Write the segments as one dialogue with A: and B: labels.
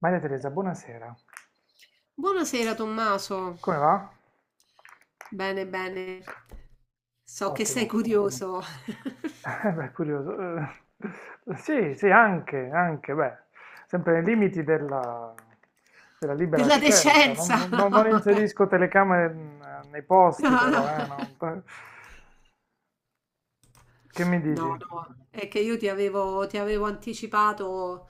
A: Maria Teresa, buonasera.
B: Buonasera Tommaso,
A: Come va?
B: bene bene, so che sei
A: Ottimo.
B: curioso
A: Beh, curioso. Sì, sì, anche, beh, sempre nei limiti della libera
B: della
A: scelta.
B: decenza.
A: Non inserisco telecamere nei
B: No,
A: posti,
B: no.
A: però, Che mi
B: No,
A: dici?
B: no, è che io ti avevo anticipato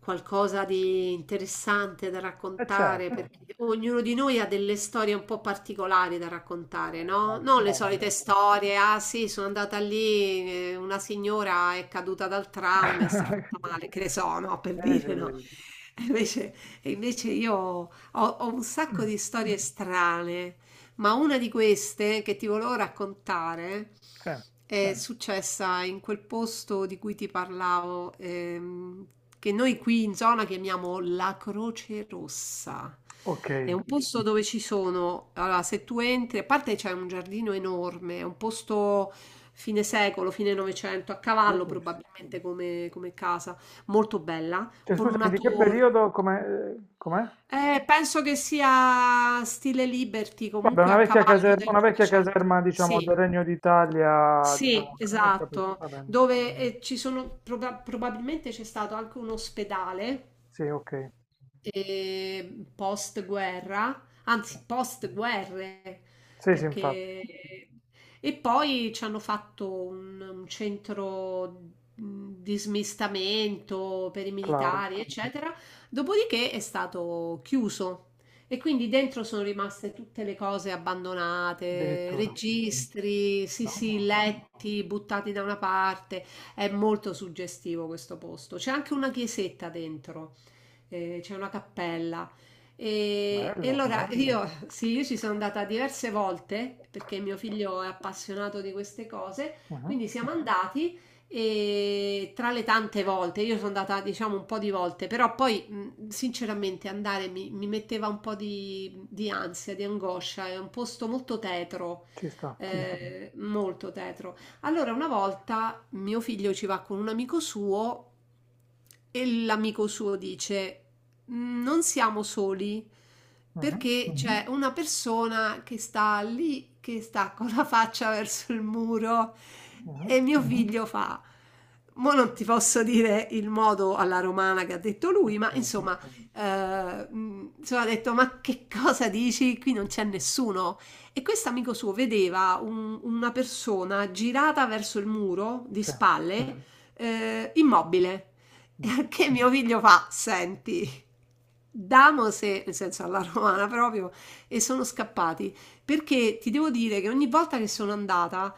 B: qualcosa di interessante da raccontare,
A: Certo,
B: perché ognuno di noi ha delle storie un po' particolari da raccontare, no? Non le solite
A: molte.
B: storie, ah sì, sono andata lì, una signora è caduta dal tram e si è fatta male, che ne so, no? Per
A: Sì,
B: dire,
A: sì,
B: no?
A: sì.
B: E Invece, e invece io ho un sacco
A: Mm,
B: di storie strane, ma una di queste che ti volevo raccontare
A: sì.
B: è successa in quel posto di cui ti parlavo, che noi qui in zona chiamiamo la Croce Rossa.
A: Ok,
B: È un posto dove ci sono, allora se tu entri, a parte c'è un giardino enorme, è un posto fine secolo, fine Novecento, a cavallo
A: Ficus.
B: probabilmente come, come casa, molto bella,
A: Cioè,
B: con
A: scusami,
B: una
A: di che
B: torre.
A: periodo, com'è?
B: Penso che sia stile Liberty,
A: Vabbè,
B: comunque a cavallo del
A: una vecchia
B: Novecento.
A: caserma, diciamo, del
B: Sì,
A: Regno d'Italia,
B: sì,
A: diciamo, ho capito,
B: esatto.
A: va bene.
B: Dove ci sono, probabilmente c'è stato anche un ospedale
A: Sì, ok.
B: post-guerra, anzi post-guerre,
A: Sì, sì, infatti,
B: perché... E poi ci hanno fatto un centro di smistamento per i
A: claro,
B: militari, eccetera. Dopodiché è stato chiuso. E quindi dentro sono rimaste tutte le cose abbandonate,
A: addirittura.
B: registri, sì sì,
A: No,
B: letti buttati da una parte. È molto suggestivo questo posto. C'è anche una chiesetta dentro, c'è una cappella. E
A: bello.
B: allora Bello. Io, sì, io ci sono andata diverse volte perché mio figlio è appassionato di queste cose.
A: Mhm.
B: Quindi siamo andati e tra le tante volte, io sono andata diciamo un po' di volte, però poi sinceramente andare mi, mi metteva un po' di ansia, di angoscia, è un posto molto tetro,
A: Ci sta.
B: molto tetro. Allora una volta mio figlio ci va con un amico suo e l'amico suo dice non siamo soli
A: Mhm,
B: perché c'è una persona che sta lì, che sta con la faccia verso il muro
A: mhm,
B: e mio figlio fa. Mo non ti posso dire il modo alla romana che ha detto lui,
A: ok,
B: ma insomma, insomma, ha detto: Ma che cosa dici? Qui non c'è nessuno. E questo amico suo vedeva una persona girata verso il muro di
A: sì,
B: spalle, immobile.
A: mm.
B: Che mio figlio fa: Senti, Damose, nel senso alla romana proprio, e sono scappati. Perché ti devo dire che ogni volta che sono andata,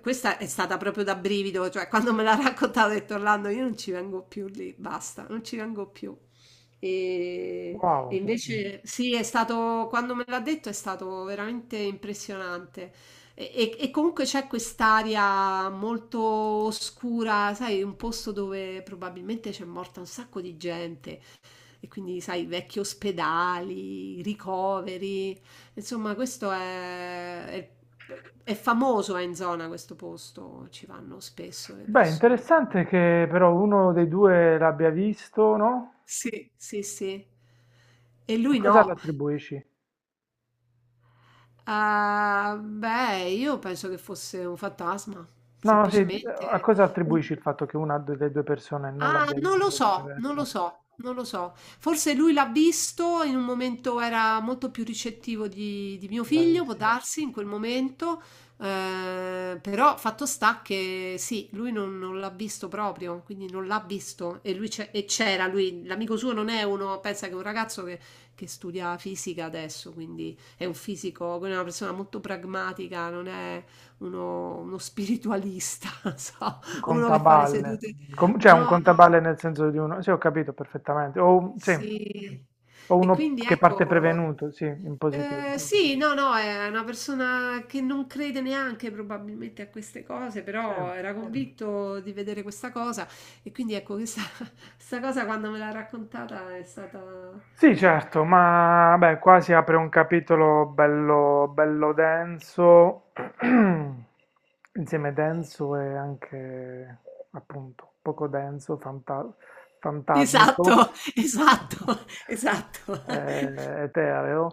B: questa è stata proprio da brivido, cioè quando me l'ha raccontata ho detto Orlando, io non ci vengo più lì, basta, non ci vengo più. E, e
A: Wow.
B: invece sì, è stato, quando me l'ha detto è stato veramente impressionante. E, e comunque c'è quest'aria molto oscura, sai, un posto dove probabilmente c'è morta un sacco di gente. E quindi, sai, vecchi ospedali, ricoveri. Insomma, questo è famoso in zona questo posto, ci vanno spesso le
A: Beh,
B: persone.
A: interessante che però uno dei due l'abbia visto, no?
B: Sì, sì, sì. E
A: A
B: lui
A: cosa lo
B: no.
A: attribuisci?
B: Ah, beh, io penso che fosse un fantasma,
A: No, no, sì, di- A
B: semplicemente.
A: cosa attribuisci il fatto che una delle due persone non
B: Ah,
A: l'abbia
B: non lo
A: visto o
B: so, non
A: viceversa?
B: lo so, non lo so. Forse lui l'ha visto, in un momento era molto più ricettivo di mio figlio, può
A: Bravissimo.
B: darsi, in quel momento, però fatto sta che sì, lui non, non l'ha visto proprio, quindi non l'ha visto e e c'era, lui, l'amico suo non è uno, pensa che è un ragazzo che studia fisica adesso, quindi è un fisico, quindi è una persona molto pragmatica, non è uno, uno spiritualista, so.
A: Un
B: Uno che fa le
A: contaballe.
B: sedute
A: Cioè un
B: no, no,
A: contaballe nel senso di uno... Sì, ho capito perfettamente. O, un- sì.
B: sì.
A: O
B: E
A: uno
B: quindi
A: che parte
B: ecco
A: prevenuto, sì, in positivo. Mm.
B: sì, no, no, è una persona che non crede neanche probabilmente a queste cose,
A: Sì.
B: però era convinto di vedere questa cosa e quindi ecco questa, questa cosa quando me l'ha raccontata è stata...
A: Sì, certo, ma beh, qua si apre un capitolo bello, bello denso, insieme denso e anche appunto poco denso, fantasmico
B: Esatto, esatto, esatto.
A: etereo.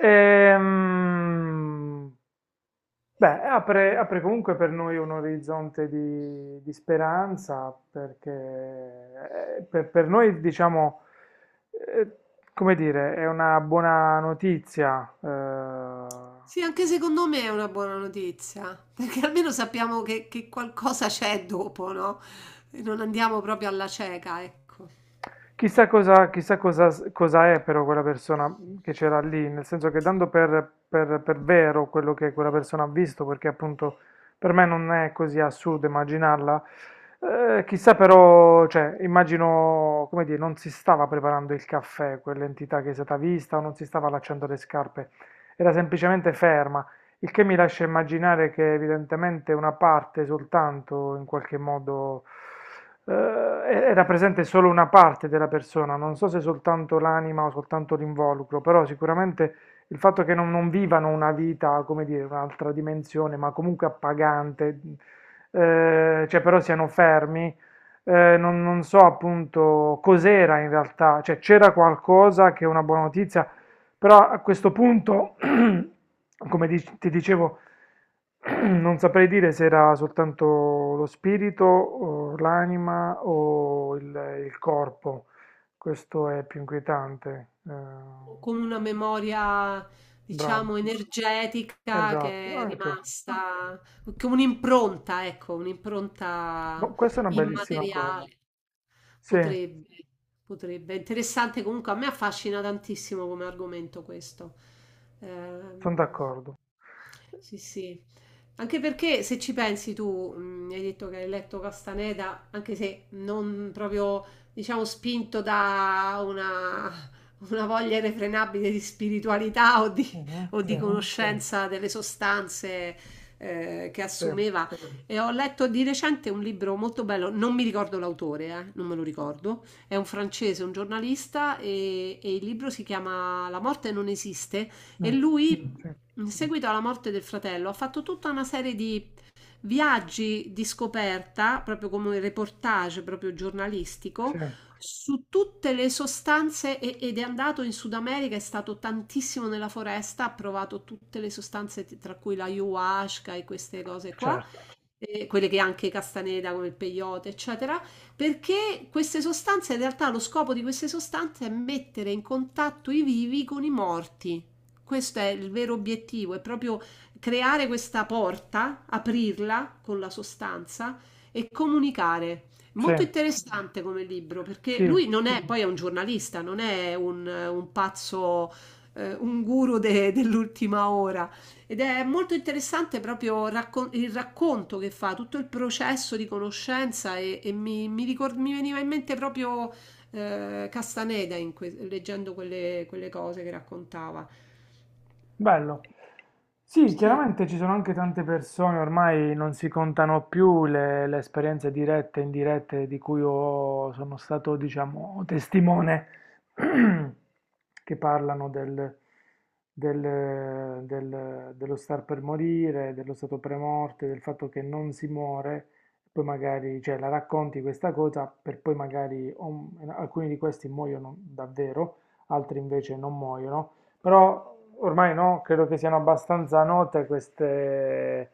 A: Ehm, Beh, apre comunque per noi un orizzonte di speranza, perché per noi, diciamo, eh, come dire, è una buona notizia.
B: Sì, anche secondo me è una buona notizia, perché almeno sappiamo che qualcosa c'è dopo, no? E non andiamo proprio alla cieca, ecco.
A: Chissà cosa, cosa è però quella persona che c'era lì, nel senso che dando per vero quello che quella persona ha visto, perché appunto per me non è così assurdo immaginarla, chissà però, cioè, immagino, come dire, non si stava preparando il caffè, quell'entità che è stata vista, o non si stava allacciando le scarpe, era semplicemente ferma. Il che mi lascia immaginare che evidentemente una parte soltanto, in qualche modo, era presente solo una parte della persona, non so se soltanto l'anima o soltanto l'involucro, però sicuramente il fatto che non vivano una vita, come dire, un'altra dimensione, ma comunque appagante, cioè però siano fermi, non so appunto cos'era in realtà, cioè c'era qualcosa che è una buona notizia, però a questo punto, ti dicevo, non saprei dire se era soltanto lo spirito, o l'anima il corpo. Questo è più inquietante.
B: O Con una memoria,
A: Bravo,
B: diciamo, energetica
A: esatto,
B: che è
A: anche.
B: rimasta, con un'impronta, ecco, un'impronta
A: Boh, questa è una bellissima cosa.
B: immateriale.
A: Sì,
B: Potrebbe, potrebbe. Interessante comunque, a me affascina tantissimo come argomento questo.
A: sono
B: Ehm,
A: d'accordo.
B: sì, sì. Anche perché se ci pensi tu, hai detto che hai letto Castaneda, anche se non proprio, diciamo, spinto da una voglia irrefrenabile di spiritualità
A: Mhm,
B: o
A: sì,
B: di conoscenza delle sostanze che
A: sì,
B: assumeva. E ho letto di recente un libro molto bello, non mi ricordo l'autore, non me lo ricordo, è un francese, un giornalista e il libro si chiama La morte non esiste
A: mm,
B: e lui,
A: sì,
B: in seguito alla morte del fratello, ha fatto tutta una serie di viaggi di scoperta, proprio come un reportage proprio
A: sì,
B: giornalistico, su tutte le sostanze ed è andato in Sud America, è stato tantissimo nella foresta, ha provato tutte le sostanze tra cui la ayahuasca e queste cose qua
A: certo,
B: quelle che anche Castaneda, come il peyote, eccetera, perché queste sostanze, in realtà lo scopo di queste sostanze è mettere in contatto i vivi con i morti. Questo è il vero obiettivo, è proprio creare questa porta, aprirla con la sostanza e comunicare.
A: sì,
B: Molto interessante come libro, perché
A: sì.
B: lui non è, poi è un giornalista, non è un pazzo, un guru dell'ultima ora ed è molto interessante proprio il racconto che fa, tutto il processo di conoscenza e mi veniva in mente proprio Castaneda in leggendo quelle, quelle cose che raccontava.
A: Bello. Sì,
B: Sì,
A: chiaramente ci sono anche tante persone, ormai non si contano più le esperienze dirette e indirette di cui sono stato, diciamo, testimone, che parlano dello star per morire, dello stato premorte, del fatto che non si muore, poi magari, cioè, la racconti questa cosa per poi magari alcuni di questi muoiono davvero, altri invece non muoiono. Però ormai no, credo che siano abbastanza note queste,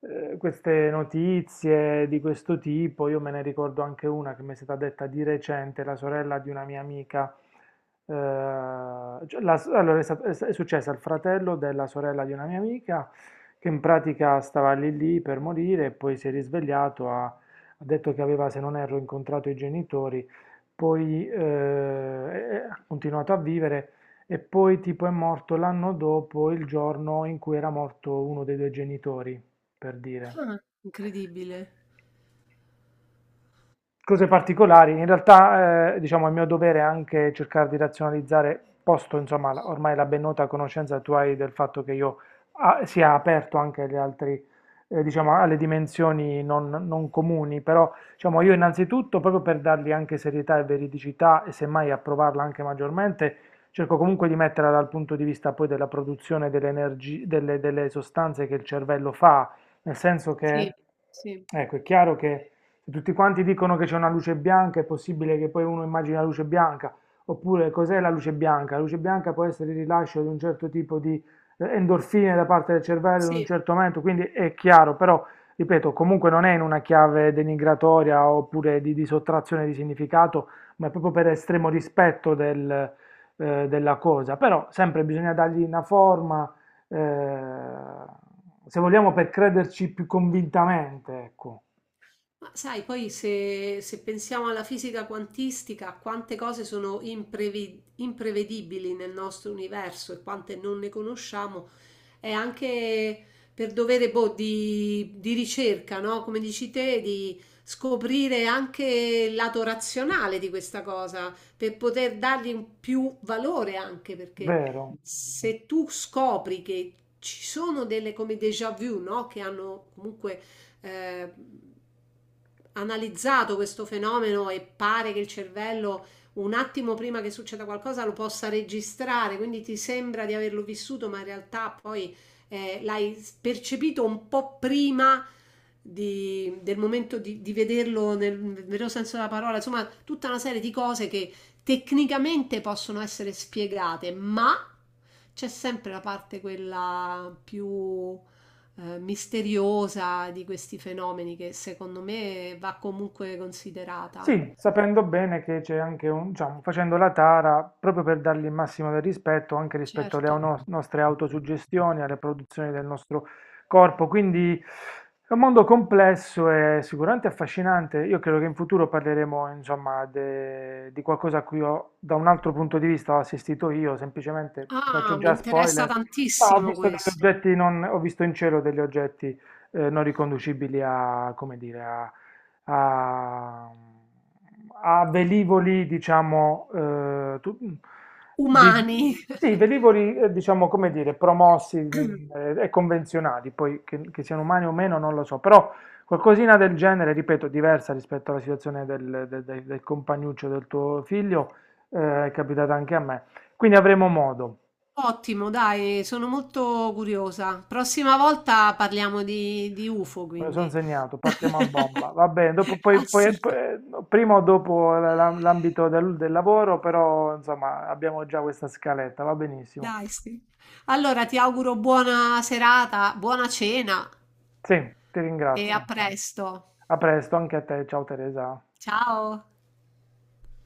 A: queste notizie di questo tipo. Io me ne ricordo anche una che mi è stata detta di recente, la sorella di una mia amica. Cioè, la- allora è, stat- è s- è successo al fratello della sorella di una mia amica che in pratica stava lì lì per morire e poi si è risvegliato, ha detto che aveva, se non erro, incontrato i genitori, poi ha continuato a vivere. E poi tipo è morto l'anno dopo il giorno in cui era morto uno dei due genitori, per dire.
B: Ah, incredibile.
A: Cose particolari. In realtà, diciamo, è mio dovere è anche cercare di razionalizzare, posto, insomma, ormai la ben nota conoscenza tu hai del fatto che io sia aperto anche agli altri, diciamo, alle dimensioni non comuni, però, diciamo, io innanzitutto, proprio per dargli anche serietà e veridicità e semmai approvarla anche maggiormente, cerco comunque di metterla dal punto di vista poi della produzione delle, delle sostanze che il cervello fa, nel senso che,
B: Sì, sì.
A: ecco, è chiaro che se tutti quanti dicono che c'è una luce bianca, è possibile che poi uno immagini la luce bianca, oppure cos'è la luce bianca? La luce bianca può essere il rilascio di un certo tipo di endorfine da parte del cervello in un certo momento, quindi è chiaro, però ripeto, comunque non è in una chiave denigratoria oppure di sottrazione di significato, ma è proprio per estremo rispetto del, della cosa, però sempre bisogna dargli una forma, eh, se vogliamo, per crederci più convintamente, ecco,
B: Ma sai, poi se, se pensiamo alla fisica quantistica, quante cose sono imprevedibili nel nostro universo e quante non ne conosciamo, è anche per dovere boh, di ricerca, no? Come dici te, di scoprire anche il lato razionale di questa cosa, per poter dargli un più valore anche, perché
A: vero?
B: se tu scopri che ci sono delle come déjà vu, no? Che hanno comunque eh, analizzato questo fenomeno e pare che il cervello un attimo prima che succeda qualcosa lo possa registrare, quindi ti sembra di averlo vissuto, ma in realtà poi l'hai percepito un po' prima del momento di vederlo nel vero senso della parola, insomma, tutta una serie di cose che tecnicamente possono essere spiegate, ma c'è sempre la parte quella più misteriosa di questi fenomeni che secondo me va comunque considerata.
A: Sì, sapendo bene che c'è anche un, diciamo, facendo la tara, proprio per dargli il massimo del rispetto, anche rispetto alle
B: Certo.
A: nostre autosuggestioni, alle produzioni del nostro corpo. Quindi è un mondo complesso e sicuramente affascinante. Io credo che in futuro parleremo, insomma, di qualcosa a cui ho, da un altro punto di vista ho assistito io, semplicemente ti
B: Ah,
A: faccio
B: mi
A: già
B: interessa
A: spoiler, ma ho
B: tantissimo
A: visto degli
B: questo.
A: oggetti non, ho visto in cielo degli oggetti non riconducibili a, come dire, a, a velivoli, diciamo,
B: Umani.
A: velivoli, diciamo, come dire, promossi e convenzionali, poi che siano umani o meno non lo so, però qualcosina del genere, ripeto, diversa rispetto alla situazione del compagnuccio del tuo figlio, è capitata anche a me. Quindi avremo modo.
B: Ottimo, dai, sono molto curiosa. Prossima volta parliamo di UFO,
A: Me lo sono
B: quindi.
A: segnato, partiamo a bomba. Va bene, dopo,
B: Assolutamente.
A: prima o dopo l'ambito del, del lavoro, però insomma abbiamo già questa scaletta, va benissimo.
B: Dai, sì. Allora, ti auguro buona serata, buona cena
A: Sì, ti
B: e a
A: ringrazio.
B: presto.
A: A presto anche a te, ciao Teresa.
B: Ciao.